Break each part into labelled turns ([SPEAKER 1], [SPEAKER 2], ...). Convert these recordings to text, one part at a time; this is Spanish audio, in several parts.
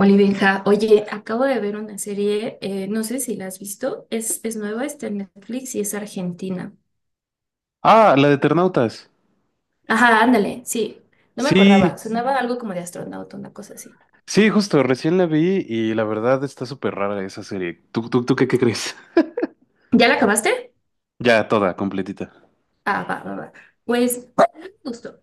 [SPEAKER 1] Hola, Benja. Oye, acabo de ver una serie, no sé si la has visto, es nueva, está en Netflix y es argentina.
[SPEAKER 2] Ah, la de Eternautas.
[SPEAKER 1] Ajá, ándale, sí, no me acordaba,
[SPEAKER 2] Sí,
[SPEAKER 1] sonaba algo como de astronauta, una cosa así.
[SPEAKER 2] sí, justo, recién la vi y la verdad está súper rara esa serie. ¿Tú qué, crees?
[SPEAKER 1] ¿Ya la acabaste?
[SPEAKER 2] Ya, toda, completita.
[SPEAKER 1] Ah, va, va, va. Pues a mí me gustó,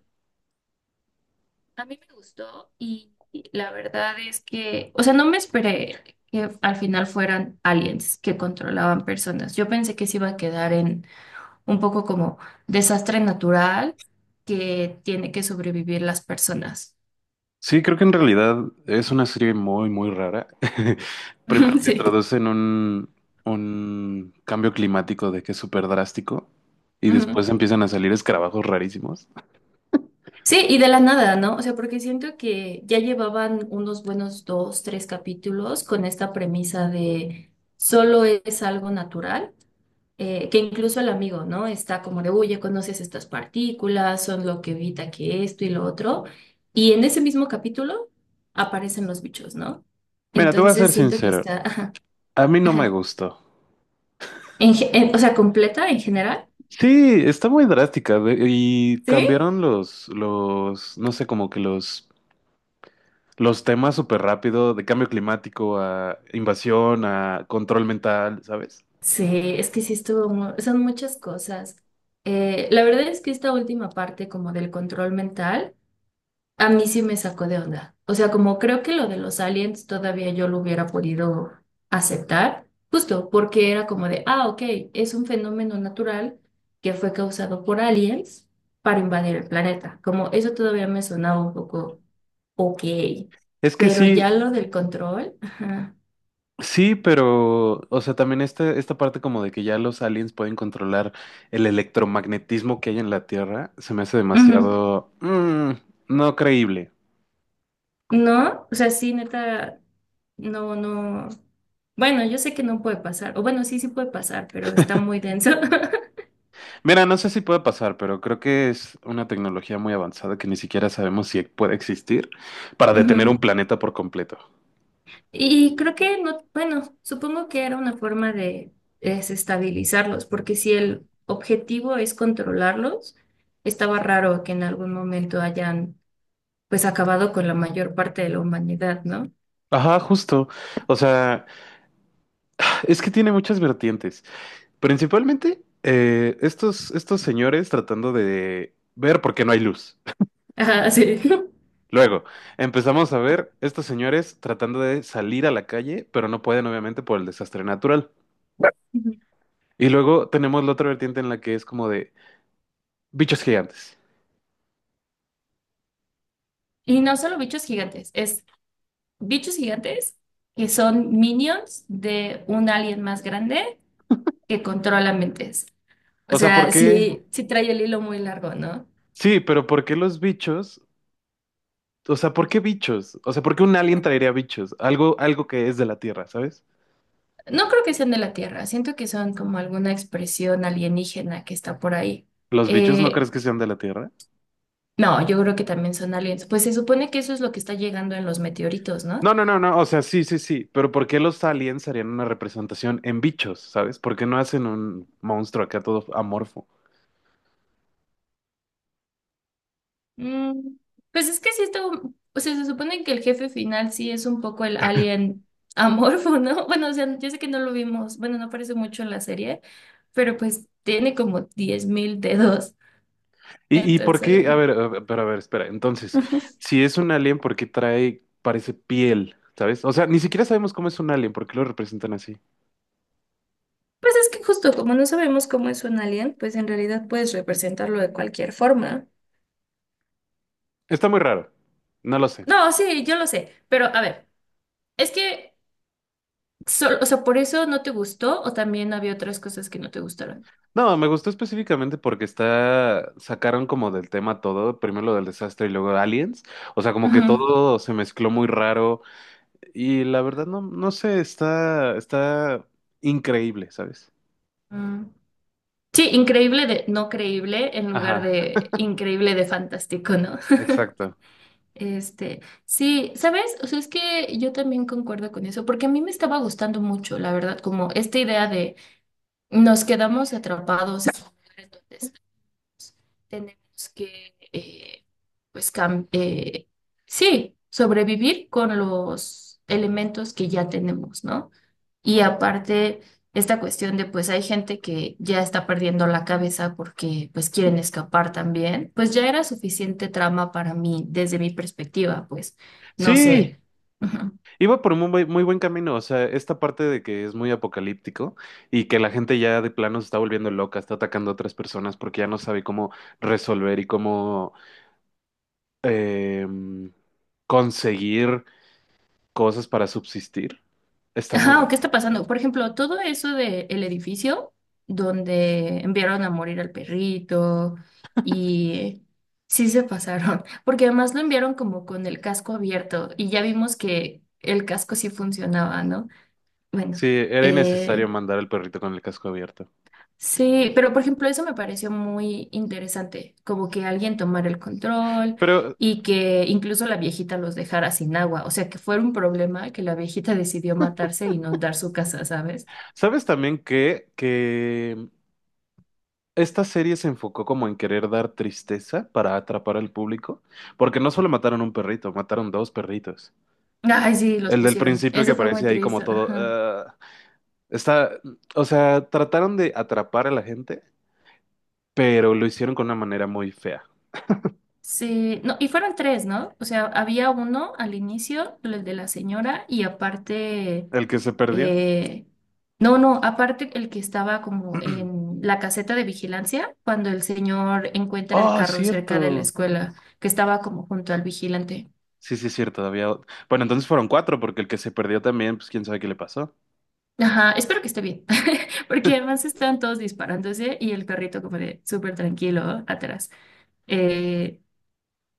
[SPEAKER 1] a mí me gustó y la verdad es que, o sea, no me esperé que al final fueran aliens que controlaban personas. Yo pensé que se iba a quedar en un poco como desastre natural que tiene que sobrevivir las personas.
[SPEAKER 2] Sí, creo que en realidad es una serie muy, muy rara. Primero te
[SPEAKER 1] Sí.
[SPEAKER 2] un cambio climático de que es súper drástico y después
[SPEAKER 1] Ujú.
[SPEAKER 2] empiezan a salir escarabajos rarísimos.
[SPEAKER 1] Sí, y de la nada, ¿no? O sea, porque siento que ya llevaban unos buenos dos, tres capítulos con esta premisa de solo es algo natural, que incluso el amigo, ¿no? Está como de, oye, conoces estas partículas, son lo que evita que esto y lo otro. Y en ese mismo capítulo aparecen los bichos, ¿no?
[SPEAKER 2] Mira, te voy a
[SPEAKER 1] Entonces
[SPEAKER 2] ser
[SPEAKER 1] siento que
[SPEAKER 2] sincero,
[SPEAKER 1] está, ajá,
[SPEAKER 2] a mí no me
[SPEAKER 1] ajá.
[SPEAKER 2] gustó.
[SPEAKER 1] O sea, completa en general.
[SPEAKER 2] Sí, está muy drástica y
[SPEAKER 1] ¿Sí?
[SPEAKER 2] cambiaron los, no sé, como que los temas súper rápido, de cambio climático a invasión, a control mental, ¿sabes?
[SPEAKER 1] Sí, es que sí estuvo, son muchas cosas. La verdad es que esta última parte como del control mental, a mí sí me sacó de onda. O sea, como creo que lo de los aliens todavía yo lo hubiera podido aceptar, justo porque era como de, ah, ok, es un fenómeno natural que fue causado por aliens para invadir el planeta. Como eso todavía me sonaba un poco ok,
[SPEAKER 2] Es que
[SPEAKER 1] pero ya
[SPEAKER 2] sí,
[SPEAKER 1] lo del control, ajá.
[SPEAKER 2] sí, pero, o sea, también esta parte como de que ya los aliens pueden controlar el electromagnetismo que hay en la Tierra, se me hace
[SPEAKER 1] Ujú.
[SPEAKER 2] no creíble.
[SPEAKER 1] No, o sea, sí, neta, no, no. Bueno, yo sé que no puede pasar, o bueno, sí, sí puede pasar, pero está muy denso.
[SPEAKER 2] Mira, no sé si puede pasar, pero creo que es una tecnología muy avanzada que ni siquiera sabemos si puede existir para detener un
[SPEAKER 1] Ujú.
[SPEAKER 2] planeta por completo.
[SPEAKER 1] Y creo que no, bueno, supongo que era una forma de desestabilizarlos, porque si el objetivo es controlarlos, estaba raro que en algún momento hayan pues acabado con la mayor parte de la humanidad, ¿no?
[SPEAKER 2] Ajá, justo. O sea, es que tiene muchas vertientes. Principalmente estos señores tratando de ver por qué no hay luz.
[SPEAKER 1] Ajá, sí.
[SPEAKER 2] Luego empezamos a ver estos señores tratando de salir a la calle, pero no pueden obviamente por el desastre natural.
[SPEAKER 1] Ujú.
[SPEAKER 2] Y luego tenemos la otra vertiente en la que es como de bichos gigantes.
[SPEAKER 1] Y no solo bichos gigantes que son minions de un alien más grande que controla mentes. O
[SPEAKER 2] O sea, ¿por
[SPEAKER 1] sea,
[SPEAKER 2] qué?
[SPEAKER 1] sí, sí trae el hilo muy largo, ¿no?
[SPEAKER 2] Sí, pero ¿por qué los bichos? O sea, ¿por qué bichos? O sea, ¿por qué un alien traería bichos? Algo, algo que es de la Tierra, ¿sabes?
[SPEAKER 1] No creo que sean de la Tierra, siento que son como alguna expresión alienígena que está por ahí.
[SPEAKER 2] ¿Los bichos no
[SPEAKER 1] Eh,
[SPEAKER 2] crees que sean de la Tierra?
[SPEAKER 1] no, yo creo que también son aliens. Pues se supone que eso es lo que está llegando en los meteoritos, ¿no?
[SPEAKER 2] No, no, no, no, o sea, sí, sí, sí, pero ¿por qué los aliens harían una representación en bichos? ¿Sabes? ¿Por qué no hacen un monstruo acá todo amorfo?
[SPEAKER 1] Mm, pues es que sí está, o sea, se supone que el jefe final sí es un poco el alien amorfo, ¿no? Bueno, o sea, yo sé que no lo vimos, bueno, no aparece mucho en la serie, pero pues tiene como 10,000 dedos.
[SPEAKER 2] ¿Y, por
[SPEAKER 1] Entonces,
[SPEAKER 2] qué? A
[SPEAKER 1] Ujú.
[SPEAKER 2] ver, pero a ver, espera, entonces, si es un alien, ¿por qué trae, parece piel? ¿Sabes? O sea, ni siquiera sabemos cómo es un alien, ¿por qué lo representan así?
[SPEAKER 1] Pues es que justo como no sabemos cómo es un alien, pues en realidad puedes representarlo de cualquier forma.
[SPEAKER 2] Está muy raro, no lo sé.
[SPEAKER 1] No, sí, yo lo sé, pero a ver, es que, o sea, ¿por eso no te gustó o también había otras cosas que no te gustaron?
[SPEAKER 2] No, me gustó específicamente porque está, sacaron como del tema todo, primero lo del desastre y luego aliens, o sea, como que
[SPEAKER 1] Ujú.
[SPEAKER 2] todo se mezcló muy raro. Y la verdad no, no sé, está increíble, ¿sabes?
[SPEAKER 1] Mm. Sí, increíble de no creíble en lugar
[SPEAKER 2] Ajá.
[SPEAKER 1] de increíble de fantástico, ¿no?
[SPEAKER 2] Exacto.
[SPEAKER 1] Este, sí, ¿sabes? O sea, es que yo también concuerdo con eso, porque a mí me estaba gustando mucho, la verdad, como esta idea de nos quedamos atrapados en un lugar en donde tenemos que, pues, sí, sobrevivir con los elementos que ya tenemos, ¿no? Y aparte, esta cuestión de, pues, hay gente que ya está perdiendo la cabeza porque, pues, quieren escapar también, pues ya era suficiente trama para mí, desde mi perspectiva, pues, no
[SPEAKER 2] Sí,
[SPEAKER 1] sé.
[SPEAKER 2] iba por un muy buen, muy buen camino. O sea, esta parte de que es muy apocalíptico y que la gente ya de plano se está volviendo loca, está atacando a otras personas porque ya no sabe cómo resolver y cómo em, conseguir cosas para subsistir. Está muy
[SPEAKER 1] Ajá, ¿o
[SPEAKER 2] raro.
[SPEAKER 1] qué está pasando? Por ejemplo, todo eso de el edificio donde enviaron a morir al perrito y sí se pasaron, porque además lo enviaron como con el casco abierto y ya vimos que el casco sí funcionaba, ¿no? Bueno,
[SPEAKER 2] Sí, era innecesario
[SPEAKER 1] eh,
[SPEAKER 2] mandar al perrito con el casco abierto.
[SPEAKER 1] sí, pero por ejemplo, eso me pareció muy interesante, como que alguien tomara el control
[SPEAKER 2] Pero,
[SPEAKER 1] y que incluso la viejita los dejara sin agua, o sea, que fuera un problema que la viejita decidió matarse e inundar su casa, ¿sabes?
[SPEAKER 2] ¿sabes también que esta serie se enfocó como en querer dar tristeza para atrapar al público, porque no solo mataron un perrito, mataron dos perritos.
[SPEAKER 1] Ay, sí, los
[SPEAKER 2] El del
[SPEAKER 1] pusieron.
[SPEAKER 2] principio que
[SPEAKER 1] Eso fue muy
[SPEAKER 2] aparece ahí
[SPEAKER 1] triste.
[SPEAKER 2] como todo,
[SPEAKER 1] Ajá.
[SPEAKER 2] "Ah", está, o sea, trataron de atrapar a la gente, pero lo hicieron con una manera muy fea.
[SPEAKER 1] Sí, no, y fueron tres, ¿no? O sea, había uno al inicio, el de la señora, y aparte,
[SPEAKER 2] El que se perdió.
[SPEAKER 1] eh, no, no, aparte el que estaba como en la caseta de vigilancia, cuando el señor encuentra el
[SPEAKER 2] Oh, es
[SPEAKER 1] carro cerca de la
[SPEAKER 2] cierto.
[SPEAKER 1] escuela, que estaba como junto al vigilante.
[SPEAKER 2] Sí, sí, es cierto, bueno, entonces fueron cuatro, porque el que se perdió también, pues quién sabe qué le pasó.
[SPEAKER 1] Ajá, espero que esté bien, porque además están todos disparándose y el carrito como de súper tranquilo, ¿no? Atrás. Eh,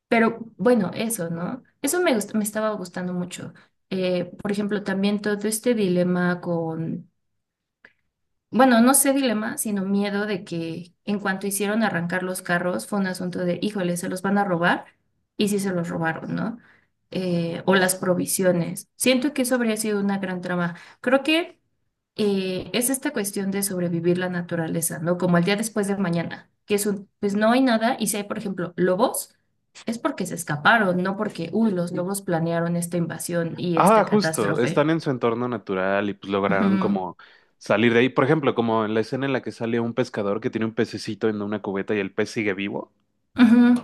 [SPEAKER 1] Pero bueno, eso, ¿no? Me estaba gustando mucho. Por ejemplo, también todo este dilema con, bueno, no sé dilema, sino miedo de que en cuanto hicieron arrancar los carros fue un asunto de, híjole, se los van a robar y sí se los robaron, ¿no? O las provisiones. Siento que eso habría sido una gran trama. Creo que es esta cuestión de sobrevivir la naturaleza, ¿no? Como el día después de mañana, que es un, pues no hay nada, y si hay, por ejemplo, lobos, es porque se escaparon, no porque, uy, los lobos planearon esta invasión y
[SPEAKER 2] Ah,
[SPEAKER 1] esta
[SPEAKER 2] justo,
[SPEAKER 1] catástrofe.
[SPEAKER 2] están en su entorno natural y pues lograron
[SPEAKER 1] Ujú,
[SPEAKER 2] como salir de ahí. Por ejemplo, como en la escena en la que sale un pescador que tiene un pececito en una cubeta y el pez sigue vivo.
[SPEAKER 1] ujú.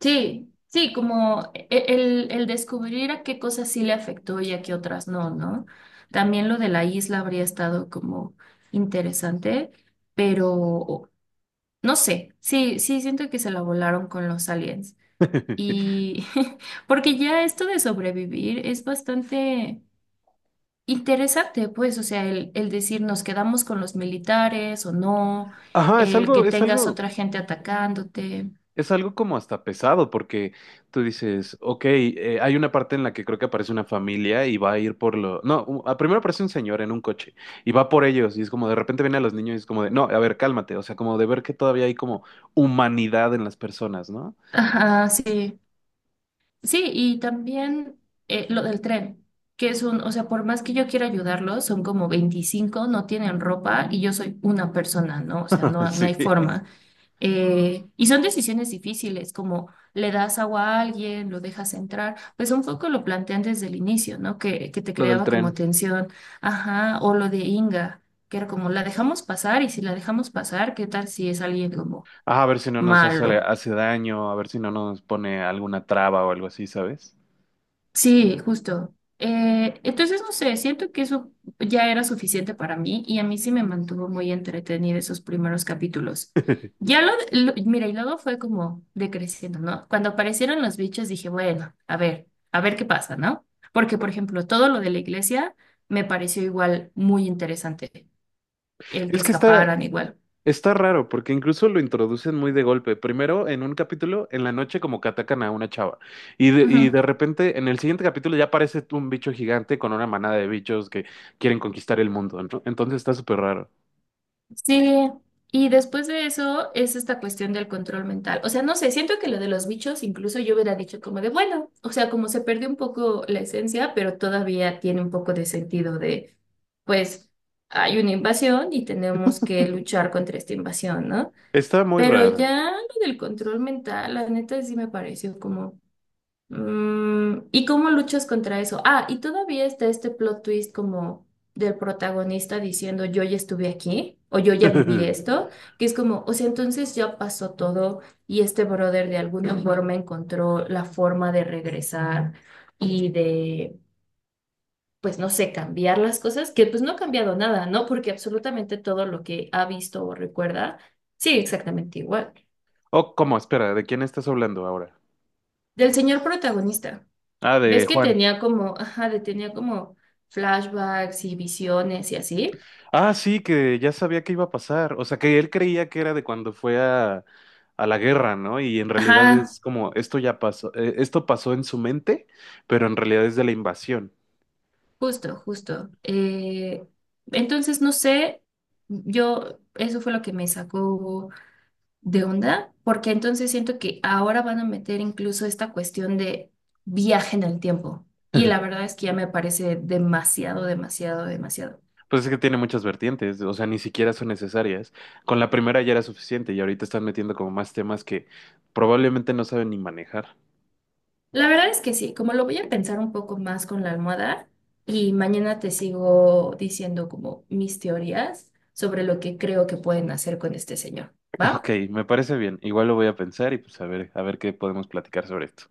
[SPEAKER 1] Sí, sí, como el descubrir a qué cosas sí le afectó y a qué otras no, ¿no? También lo de la isla habría estado como interesante, pero no sé, sí, sí, siento que se la volaron con los aliens. Y porque ya esto de sobrevivir es bastante interesante, pues, o sea, el decir nos quedamos con los militares o no,
[SPEAKER 2] Ajá,
[SPEAKER 1] el que tengas otra gente atacándote.
[SPEAKER 2] es algo como hasta pesado, porque tú dices, ok, hay una parte en la que creo que aparece una familia y va a ir por lo. No, u- a- Primero aparece un señor en un coche y va por ellos, y es como de repente vienen a los niños y es como de, no, a ver, cálmate, o sea, como de ver que todavía hay como humanidad en las personas, ¿no?
[SPEAKER 1] Ajá, sí. Sí, y también lo del tren, que es un, o sea, por más que yo quiera ayudarlos, son como 25, no tienen ropa y yo soy una persona, ¿no? O sea, no, no
[SPEAKER 2] Sí,
[SPEAKER 1] hay forma. Y son decisiones difíciles, como le das agua a alguien, lo dejas entrar, pues un poco lo plantean desde el inicio, ¿no? Que te
[SPEAKER 2] lo del
[SPEAKER 1] creaba como
[SPEAKER 2] tren.
[SPEAKER 1] tensión, ajá, o lo de Inga, que era como, la dejamos pasar y si la dejamos pasar, ¿qué tal si es alguien como
[SPEAKER 2] Ah, a ver si no nos
[SPEAKER 1] malo?
[SPEAKER 2] hace daño, a ver si no nos pone alguna traba o algo así, ¿sabes?
[SPEAKER 1] Sí, justo. Entonces, no sé, siento que eso ya era suficiente para mí y a mí sí me mantuvo muy entretenida esos primeros capítulos. Mira, y luego fue como decreciendo, ¿no? Cuando aparecieron los bichos dije, bueno, a ver qué pasa, ¿no? Porque, por ejemplo, todo lo de la iglesia me pareció igual muy interesante, el que
[SPEAKER 2] Es que está,
[SPEAKER 1] escaparan igual.
[SPEAKER 2] está raro, porque incluso lo introducen muy de golpe. Primero, en un capítulo, en la noche, como que atacan a una chava.
[SPEAKER 1] Ujú.
[SPEAKER 2] Y de repente, en el siguiente capítulo, ya aparece un bicho gigante con una manada de bichos que quieren conquistar el mundo, ¿no? Entonces está súper raro.
[SPEAKER 1] Sí, y después de eso es esta cuestión del control mental. O sea, no sé, siento que lo de los bichos incluso yo hubiera dicho como de, bueno, o sea, como se perdió un poco la esencia, pero todavía tiene un poco de sentido de, pues, hay una invasión y tenemos que luchar contra esta invasión, ¿no?
[SPEAKER 2] Está muy
[SPEAKER 1] Pero
[SPEAKER 2] raro.
[SPEAKER 1] ya lo del control mental, la neta sí me pareció como... Mm, ¿y cómo luchas contra eso? Ah, y todavía está este plot twist como del protagonista diciendo yo ya estuve aquí o yo ya viví esto, que es como, o sea, entonces ya pasó todo y este brother de alguna Ujú. Forma encontró la forma de regresar y de, pues no sé, cambiar las cosas, que pues no ha cambiado nada, ¿no? Porque absolutamente todo lo que ha visto o recuerda sigue exactamente igual.
[SPEAKER 2] Oh, ¿cómo? Espera, ¿de quién estás hablando ahora?
[SPEAKER 1] Del señor protagonista.
[SPEAKER 2] Ah, de
[SPEAKER 1] ¿Ves que
[SPEAKER 2] Juan.
[SPEAKER 1] tenía como, ajá, tenía como flashbacks y visiones y así?
[SPEAKER 2] Ah, sí, que ya sabía que iba a pasar. O sea, que él creía que era de cuando a la guerra, ¿no? Y en realidad
[SPEAKER 1] Ajá,
[SPEAKER 2] es como, esto ya pasó, esto pasó en su mente, pero en realidad es de la invasión.
[SPEAKER 1] justo, justo. Entonces, no sé, yo, eso fue lo que me sacó de onda, porque entonces siento que ahora van a meter incluso esta cuestión de viaje en el tiempo. Y la verdad es que ya me parece demasiado, demasiado, demasiado.
[SPEAKER 2] Pues es que tiene muchas vertientes, o sea, ni siquiera son necesarias. Con la primera ya era suficiente y ahorita están metiendo como más temas que probablemente no saben ni manejar.
[SPEAKER 1] La verdad es que sí, como lo voy a pensar un poco más con la almohada y mañana te sigo diciendo como mis teorías sobre lo que creo que pueden hacer con este señor, ¿va?
[SPEAKER 2] Ok, me parece bien. Igual lo voy a pensar y pues a ver qué podemos platicar sobre esto.